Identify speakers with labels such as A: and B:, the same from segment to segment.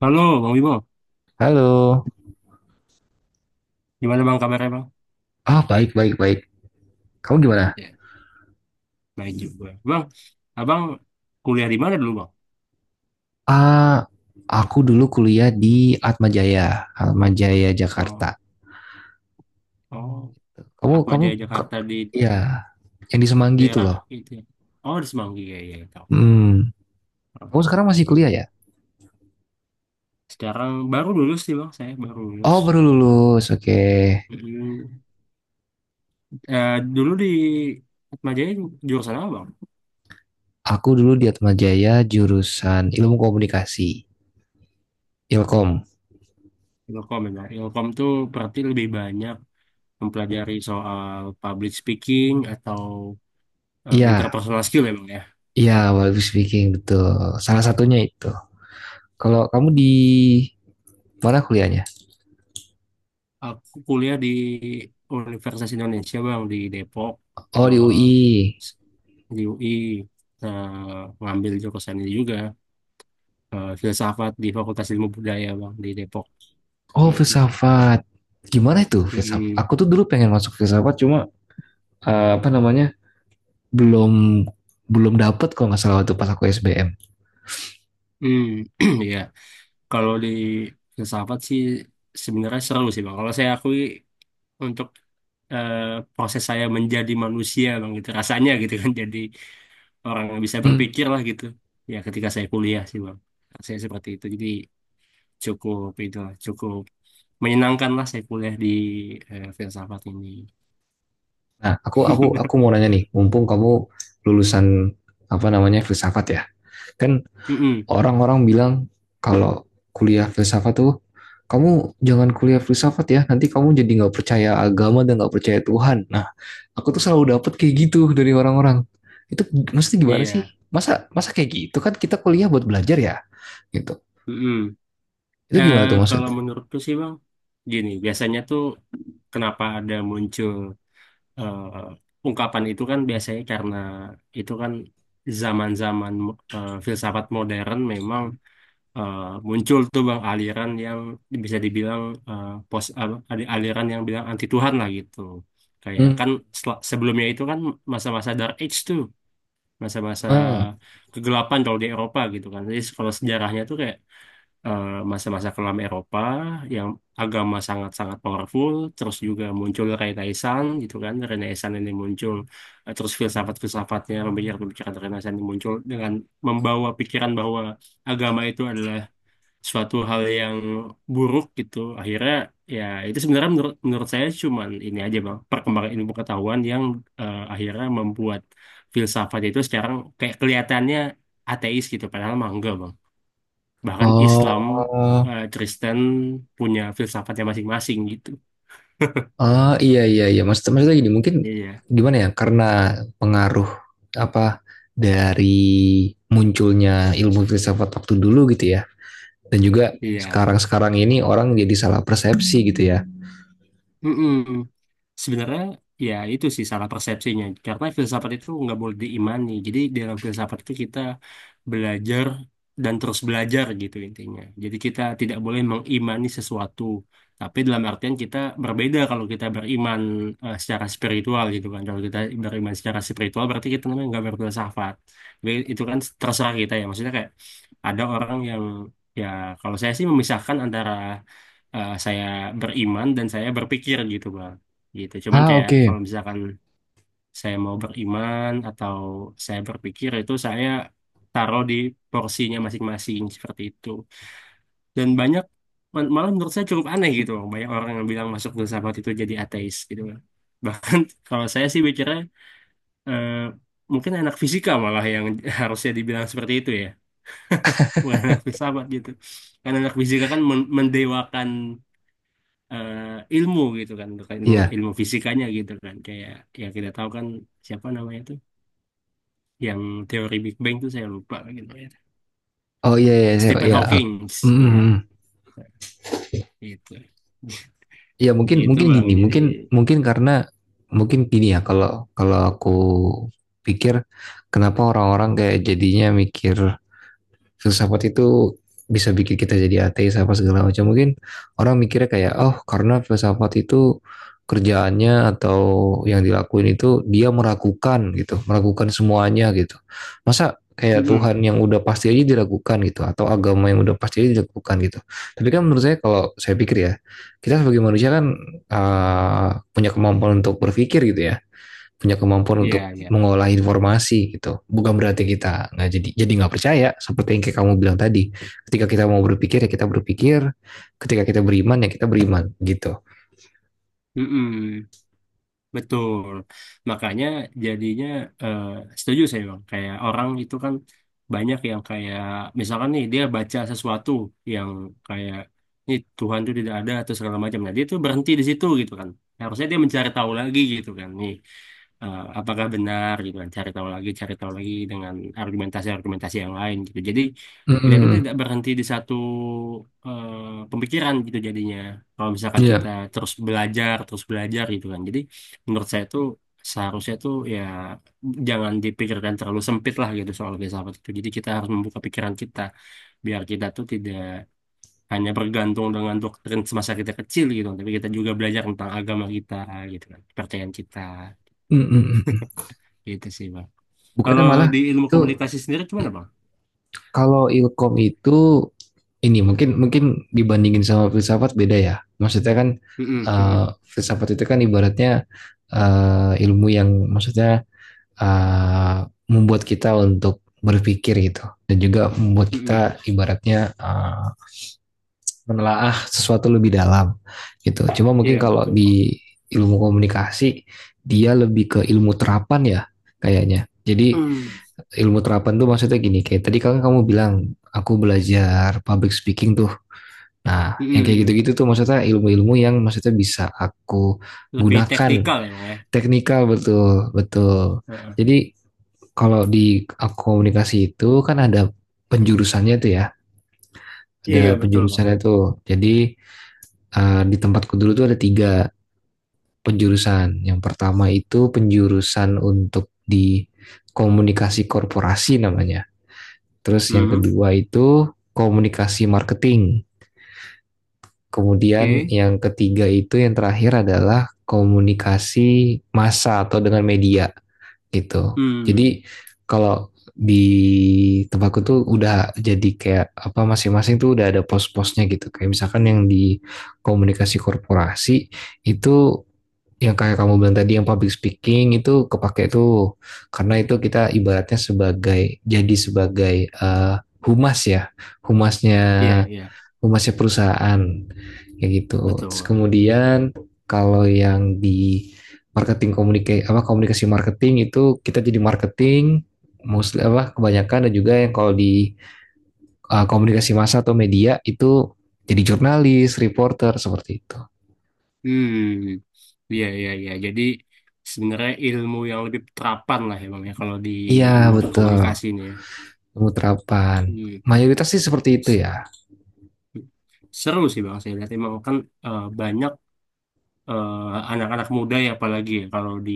A: Halo Bang Wibo,
B: Halo.
A: gimana Bang kabarnya Bang?
B: Ah, baik, baik, baik. Kamu gimana?
A: Ya. Baik juga. Bang, Abang kuliah di mana dulu Bang?
B: Ah, aku dulu kuliah di Atmajaya, Atmajaya Jakarta.
A: Oh, oh,
B: Kamu,
A: Atma
B: kamu,
A: Jaya
B: ke,
A: Jakarta di
B: ya, yang di Semanggi itu
A: daerah
B: loh.
A: itu ya. Oh, di Semanggi ya, ya, tahu.
B: Hmm. Kamu
A: Oke.
B: sekarang masih kuliah
A: Hmm.
B: ya?
A: Sekarang baru lulus sih Bang, saya baru lulus.
B: Oh, baru lulus. Oke.
A: Hmm. Eh, Dulu di Atma Jaya jurusan apa Bang?
B: Aku dulu di Atmajaya jurusan Ilmu Komunikasi, Ilkom.
A: Ilkom ya. Ilkom tuh berarti lebih banyak mempelajari soal public speaking atau
B: Iya,
A: interpersonal skill ya Bang ya?
B: iya, public speaking betul. Salah satunya itu. Kalau kamu di mana kuliahnya?
A: Aku kuliah di Universitas Indonesia bang di Depok,
B: Oh, di
A: eh,
B: UI.
A: di UI, eh, ngambil jurusan ini juga, filsafat di Fakultas Ilmu Budaya bang di Depok.
B: Oh,
A: Mm,
B: filsafat. Gimana itu filsafat?
A: mm,
B: Aku tuh dulu pengen masuk filsafat, cuma apa namanya belum belum dapet kalau nggak salah waktu pas aku SBM.
A: mm, mm. Ya, kalau di filsafat sih sebenarnya seru sih bang. Kalau saya akui untuk eh, proses saya menjadi manusia bang gitu rasanya gitu kan, jadi orang yang bisa
B: Hmm.
A: berpikir lah gitu. Ya ketika saya kuliah sih bang, saya seperti itu jadi cukup itu lah, cukup menyenangkan lah saya kuliah di filsafat ini.
B: Nah, aku mau nanya nih, mumpung kamu lulusan apa namanya filsafat ya, kan
A: Mm-mm,
B: orang-orang bilang kalau kuliah filsafat tuh kamu jangan kuliah filsafat ya, nanti kamu jadi nggak percaya agama dan nggak percaya Tuhan. Nah, aku tuh selalu dapet kayak gitu dari orang-orang. Itu maksudnya gimana sih?
A: iya.
B: Masa masa kayak gitu kan kita kuliah buat belajar ya? Gitu.
A: Mm-mm.
B: Itu
A: Eh,
B: gimana tuh
A: Kalau
B: maksudnya?
A: menurutku sih Bang, gini, biasanya tuh kenapa ada muncul ungkapan itu kan biasanya karena itu kan zaman-zaman filsafat modern memang eh, muncul tuh bang aliran yang bisa dibilang pos apa, ada aliran yang bilang anti Tuhan lah gitu. Kayak
B: Hmm.
A: kan sebelumnya itu kan masa-masa Dark Age tuh, masa-masa
B: Hmm.
A: kegelapan kalau di Eropa gitu kan. Jadi kalau sejarahnya tuh kayak eh, masa-masa kelam Eropa yang agama sangat-sangat powerful, terus juga muncul Renaissance gitu kan. Renaissance ini muncul, terus filsafat-filsafatnya, pemikiran-pemikiran Renaissance ini muncul dengan membawa pikiran bahwa agama itu adalah suatu hal yang buruk gitu akhirnya. Ya itu sebenarnya, menurut menurut saya cuman ini aja bang, perkembangan ilmu pengetahuan yang akhirnya membuat filsafat itu sekarang kayak kelihatannya ateis gitu, padahal mah enggak bang. Bahkan Islam,
B: Oh,
A: Kristen punya filsafatnya masing-masing gitu.
B: ah, iya, iya, iya. Maksudnya gini mungkin
A: Iya,
B: gimana ya? Karena pengaruh apa dari munculnya ilmu filsafat waktu dulu gitu ya. Dan juga
A: iya.
B: sekarang-sekarang ini orang jadi salah persepsi gitu ya.
A: Mm-mm. Sebenarnya ya itu sih salah persepsinya. Karena filsafat itu nggak boleh diimani. Jadi di dalam filsafat itu kita belajar dan terus belajar gitu intinya. Jadi kita tidak boleh mengimani sesuatu. Tapi dalam artian kita berbeda kalau kita beriman secara spiritual gitu kan. Kalau kita beriman secara spiritual berarti kita namanya nggak berfilsafat. Tapi itu kan terserah kita ya. Maksudnya kayak ada orang yang, ya kalau saya sih memisahkan antara saya beriman dan saya berpikir gitu bang. Gitu cuman
B: Ah,
A: kayak
B: oke.
A: kalau misalkan saya mau beriman atau saya berpikir itu saya taruh di porsinya masing-masing seperti itu. Dan banyak malah menurut saya cukup aneh gitu Bang, banyak orang yang bilang masuk filsafat itu jadi ateis gitu Bang. Bahkan kalau saya sih bicara, eh, mungkin anak fisika malah yang harusnya dibilang seperti itu ya, bukan anak filsafat gitu, karena anak fisika kan mendewakan eh, ilmu gitu kan. Bukan ilmu,
B: Iya.
A: ilmu fisikanya gitu kan, kayak ya kita tahu kan siapa namanya tuh yang teori Big Bang tuh saya lupa gitu ya,
B: Oh, iya, iya, iya.
A: Stephen
B: Iya.
A: Hawking.
B: Mm,
A: Ya
B: mm.
A: itu,
B: Ya mungkin
A: gitu
B: mungkin
A: bang
B: gini,
A: jadi
B: mungkin mungkin karena mungkin gini ya kalau kalau aku pikir kenapa orang-orang kayak jadinya mikir filsafat itu bisa bikin kita jadi ateis apa segala macam. Mungkin orang mikirnya kayak, oh karena filsafat itu kerjaannya atau yang dilakuin itu dia meragukan gitu, meragukan semuanya gitu. Masa kayak
A: mm
B: Tuhan yang udah pasti aja diragukan gitu, atau agama yang udah pasti aja diragukan gitu. Tapi kan menurut saya kalau saya pikir ya, kita sebagai manusia kan punya kemampuan untuk berpikir gitu ya, punya kemampuan untuk
A: ya,
B: mengolah informasi gitu. Bukan berarti kita nggak jadi nggak percaya seperti yang kayak kamu bilang tadi. Ketika kita mau berpikir ya kita berpikir, ketika kita beriman ya kita beriman gitu.
A: ya. Betul. Makanya jadinya eh, setuju saya Bang. Kayak orang itu kan banyak yang kayak misalkan nih dia baca sesuatu yang kayak ini Tuhan itu tidak ada atau segala macam. Nah, dia tuh berhenti di situ gitu kan. Harusnya dia mencari tahu lagi gitu kan. Nih apakah benar gitu kan. Cari tahu lagi dengan argumentasi-argumentasi yang lain gitu. Jadi kita tuh
B: Mm.
A: tidak berhenti di satu pemikiran gitu jadinya. Kalau misalkan kita
B: Iya.
A: terus belajar gitu kan. Jadi menurut saya tuh seharusnya tuh ya jangan dipikirkan terlalu sempit lah gitu soal filsafat itu. Jadi kita harus membuka pikiran kita biar kita tuh tidak hanya bergantung dengan doktrin semasa kita kecil gitu, tapi kita juga belajar tentang agama kita gitu kan, kepercayaan kita gitu sih bang.
B: Bukannya
A: Kalau
B: malah
A: di ilmu
B: itu
A: komunikasi sendiri gimana bang?
B: kalau ilkom itu ini mungkin mungkin dibandingin sama filsafat beda ya. Maksudnya kan
A: Mm-mm, mm-mm,
B: filsafat itu kan ibaratnya ilmu yang maksudnya membuat kita untuk berpikir gitu dan juga membuat
A: mm-mm.
B: kita ibaratnya menelaah sesuatu lebih dalam gitu. Cuma mungkin
A: Iya
B: kalau
A: betul bang.
B: di ilmu komunikasi dia lebih ke ilmu terapan ya kayaknya. Jadi ilmu terapan tuh maksudnya gini kayak tadi kan kamu bilang aku belajar public speaking tuh. Nah,
A: Mm,
B: yang
A: mm-mm,
B: kayak
A: mm-mm.
B: gitu-gitu
A: Mm.
B: tuh maksudnya ilmu-ilmu yang maksudnya bisa aku
A: Lebih
B: gunakan
A: teknikal ya bang ya.
B: teknikal, betul, betul.
A: Heeh.
B: Jadi kalau di komunikasi itu kan ada penjurusannya tuh ya, ada
A: Iya betul bang.
B: penjurusannya tuh. Jadi di tempatku dulu tuh ada tiga penjurusan. Yang pertama itu penjurusan untuk di komunikasi korporasi namanya. Terus yang
A: Hmm,
B: kedua itu komunikasi marketing. Kemudian
A: oke.
B: yang ketiga itu yang terakhir adalah komunikasi massa atau dengan media. Gitu.
A: Hmm,
B: Jadi kalau di tempatku tuh udah jadi kayak apa masing-masing tuh udah ada pos-posnya gitu. Kayak misalkan yang di komunikasi korporasi itu yang kayak kamu bilang tadi yang public speaking itu kepake tuh karena itu kita ibaratnya sebagai humas ya, humasnya,
A: iya, iya,
B: oh, masih perusahaan kayak gitu. Terus
A: betul.
B: kemudian kalau yang di marketing komunikasi apa komunikasi marketing itu kita jadi marketing mostly apa kebanyakan, dan juga yang kalau di komunikasi massa atau media itu jadi jurnalis, reporter seperti itu.
A: Hmm, iya, iya, iya. Jadi sebenarnya ilmu yang lebih terapan lah ya bang ya kalau di
B: Iya
A: ilmu
B: betul,
A: komunikasi ini ya.
B: ilmu terapan.
A: Hmm.
B: Mayoritas sih seperti itu
A: S-
B: ya.
A: Seru sih bang, saya lihat emang kan banyak anak-anak muda ya, apalagi ya kalau di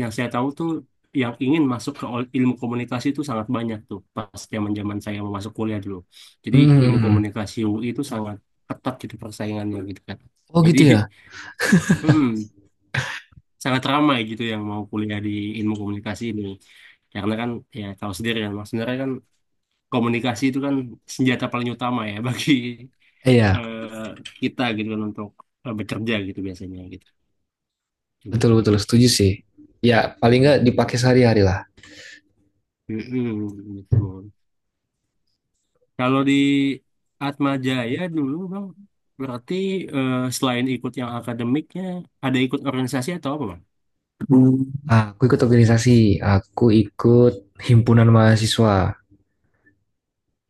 A: yang saya tahu tuh yang ingin masuk ke ilmu komunikasi itu sangat banyak tuh pas zaman-zaman saya mau masuk kuliah dulu. Jadi ilmu
B: Hmm.
A: komunikasi UI itu sangat ketat gitu persaingannya gitu kan.
B: Oh
A: Jadi
B: gitu ya?
A: Mm-mm. Sangat ramai gitu yang mau kuliah di ilmu komunikasi ini karena kan, ya tahu sendiri kan mas, sebenarnya kan komunikasi itu kan senjata paling utama ya bagi
B: Iya,
A: eh, kita gitu kan untuk bekerja gitu biasanya gitu. Gitu.
B: betul-betul setuju sih. Ya paling nggak
A: Mm-mm.
B: dipakai sehari-hari lah.
A: Mm-mm, gitu. Kalau di Atma Jaya dulu bang, berarti selain ikut yang akademiknya ada ikut organisasi atau apa bang? Hmm.
B: Aku ikut organisasi, aku ikut himpunan mahasiswa,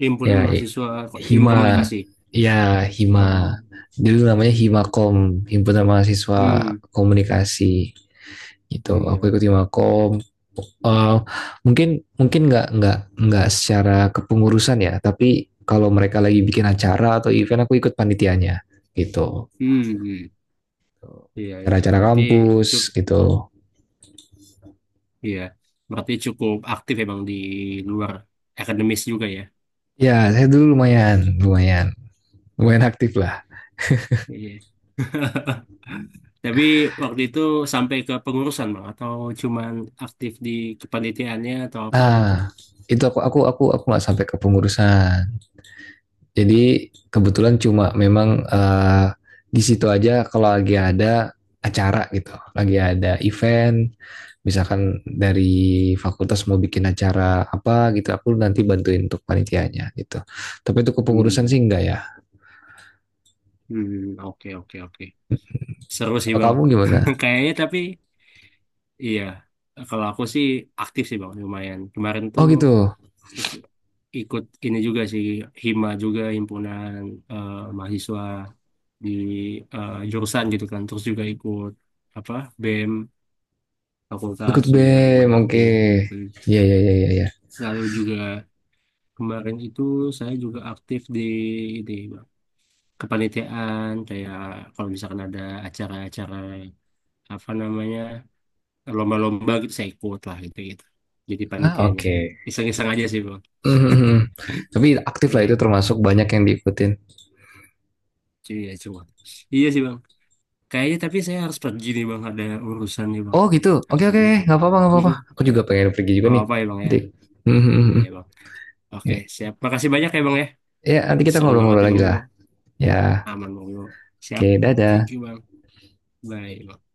A: Himpunan
B: ya,
A: mahasiswa ilmu
B: Hima. Hmm.
A: komunikasi.
B: Ya, Hima.
A: Oh.
B: Dulu namanya Himakom, himpunan mahasiswa
A: Hmm.
B: komunikasi gitu. Aku
A: Iya.
B: ikut Himakom. Eh, mungkin mungkin nggak secara kepengurusan ya, tapi kalau mereka lagi bikin acara atau event, aku ikut panitianya gitu.
A: Hmm. Hmm. Iya, iya.
B: Acara-acara
A: Berarti
B: kampus
A: cukup,
B: gitu.
A: iya. Berarti cukup aktif emang di luar akademis juga ya.
B: Ya, saya dulu lumayan, lumayan, lumayan aktif
A: I-
B: lah.
A: Iya. Tapi waktu itu sampai ke pengurusan bang, atau cuman aktif di kepanitiaannya atau apa gitu?
B: Nah, itu aku nggak sampai ke pengurusan. Jadi kebetulan cuma memang di situ aja kalau lagi ada acara gitu, lagi ada event, misalkan dari fakultas mau bikin acara apa gitu, aku nanti bantuin untuk panitianya gitu. Tapi itu kepengurusan sih
A: Hmm,
B: enggak ya.
A: hmm, oke, oke, oke. Seru sih
B: Kalau
A: bang.
B: kamu gimana?
A: Kayaknya tapi iya. Kalau aku sih aktif sih bang, lumayan. Kemarin
B: Oh
A: tuh
B: gitu.
A: ikut ikut ini juga sih, hima juga, himpunan eh, mahasiswa di jurusan gitu kan, terus juga ikut apa, BEM
B: Oh,
A: fakultas
B: ikut
A: juga
B: BEM,
A: lumayan
B: oke.
A: aktif. Mhm.
B: Iya, iya, iya, iya, iya.
A: Lalu juga kemarin itu saya juga aktif di kepanitiaan kayak kalau misalkan ada acara-acara apa namanya, lomba-lomba gitu, saya ikut lah gitu, gitu jadi
B: Ah,
A: panitianya,
B: oke.
A: iseng-iseng aja sih bang.
B: Mhm. Tapi aktif lah itu
A: Iya,
B: termasuk banyak yang diikutin.
A: iya, cuma iya sih bang kayaknya, tapi saya harus pergi nih bang, ada urusan nih bang
B: Oh gitu. Oke,
A: habis
B: oke,
A: ini.
B: nggak apa-apa, nggak apa-apa.
A: Mm-mm.
B: Aku juga pengen pergi juga
A: Nggak
B: nih
A: apa-apa ya bang ya,
B: nanti.
A: iya bang. Oke,
B: Ya,
A: siap. Makasih banyak ya Bang ya.
B: ya, nanti kita
A: Seru banget
B: ngobrol-ngobrol
A: ya
B: lagi
A: Bang
B: lah.
A: Bimo.
B: Ya,
A: Aman Bang Bimo. Siap.
B: oke, dadah.
A: Thank you Bang. Bye. Bang.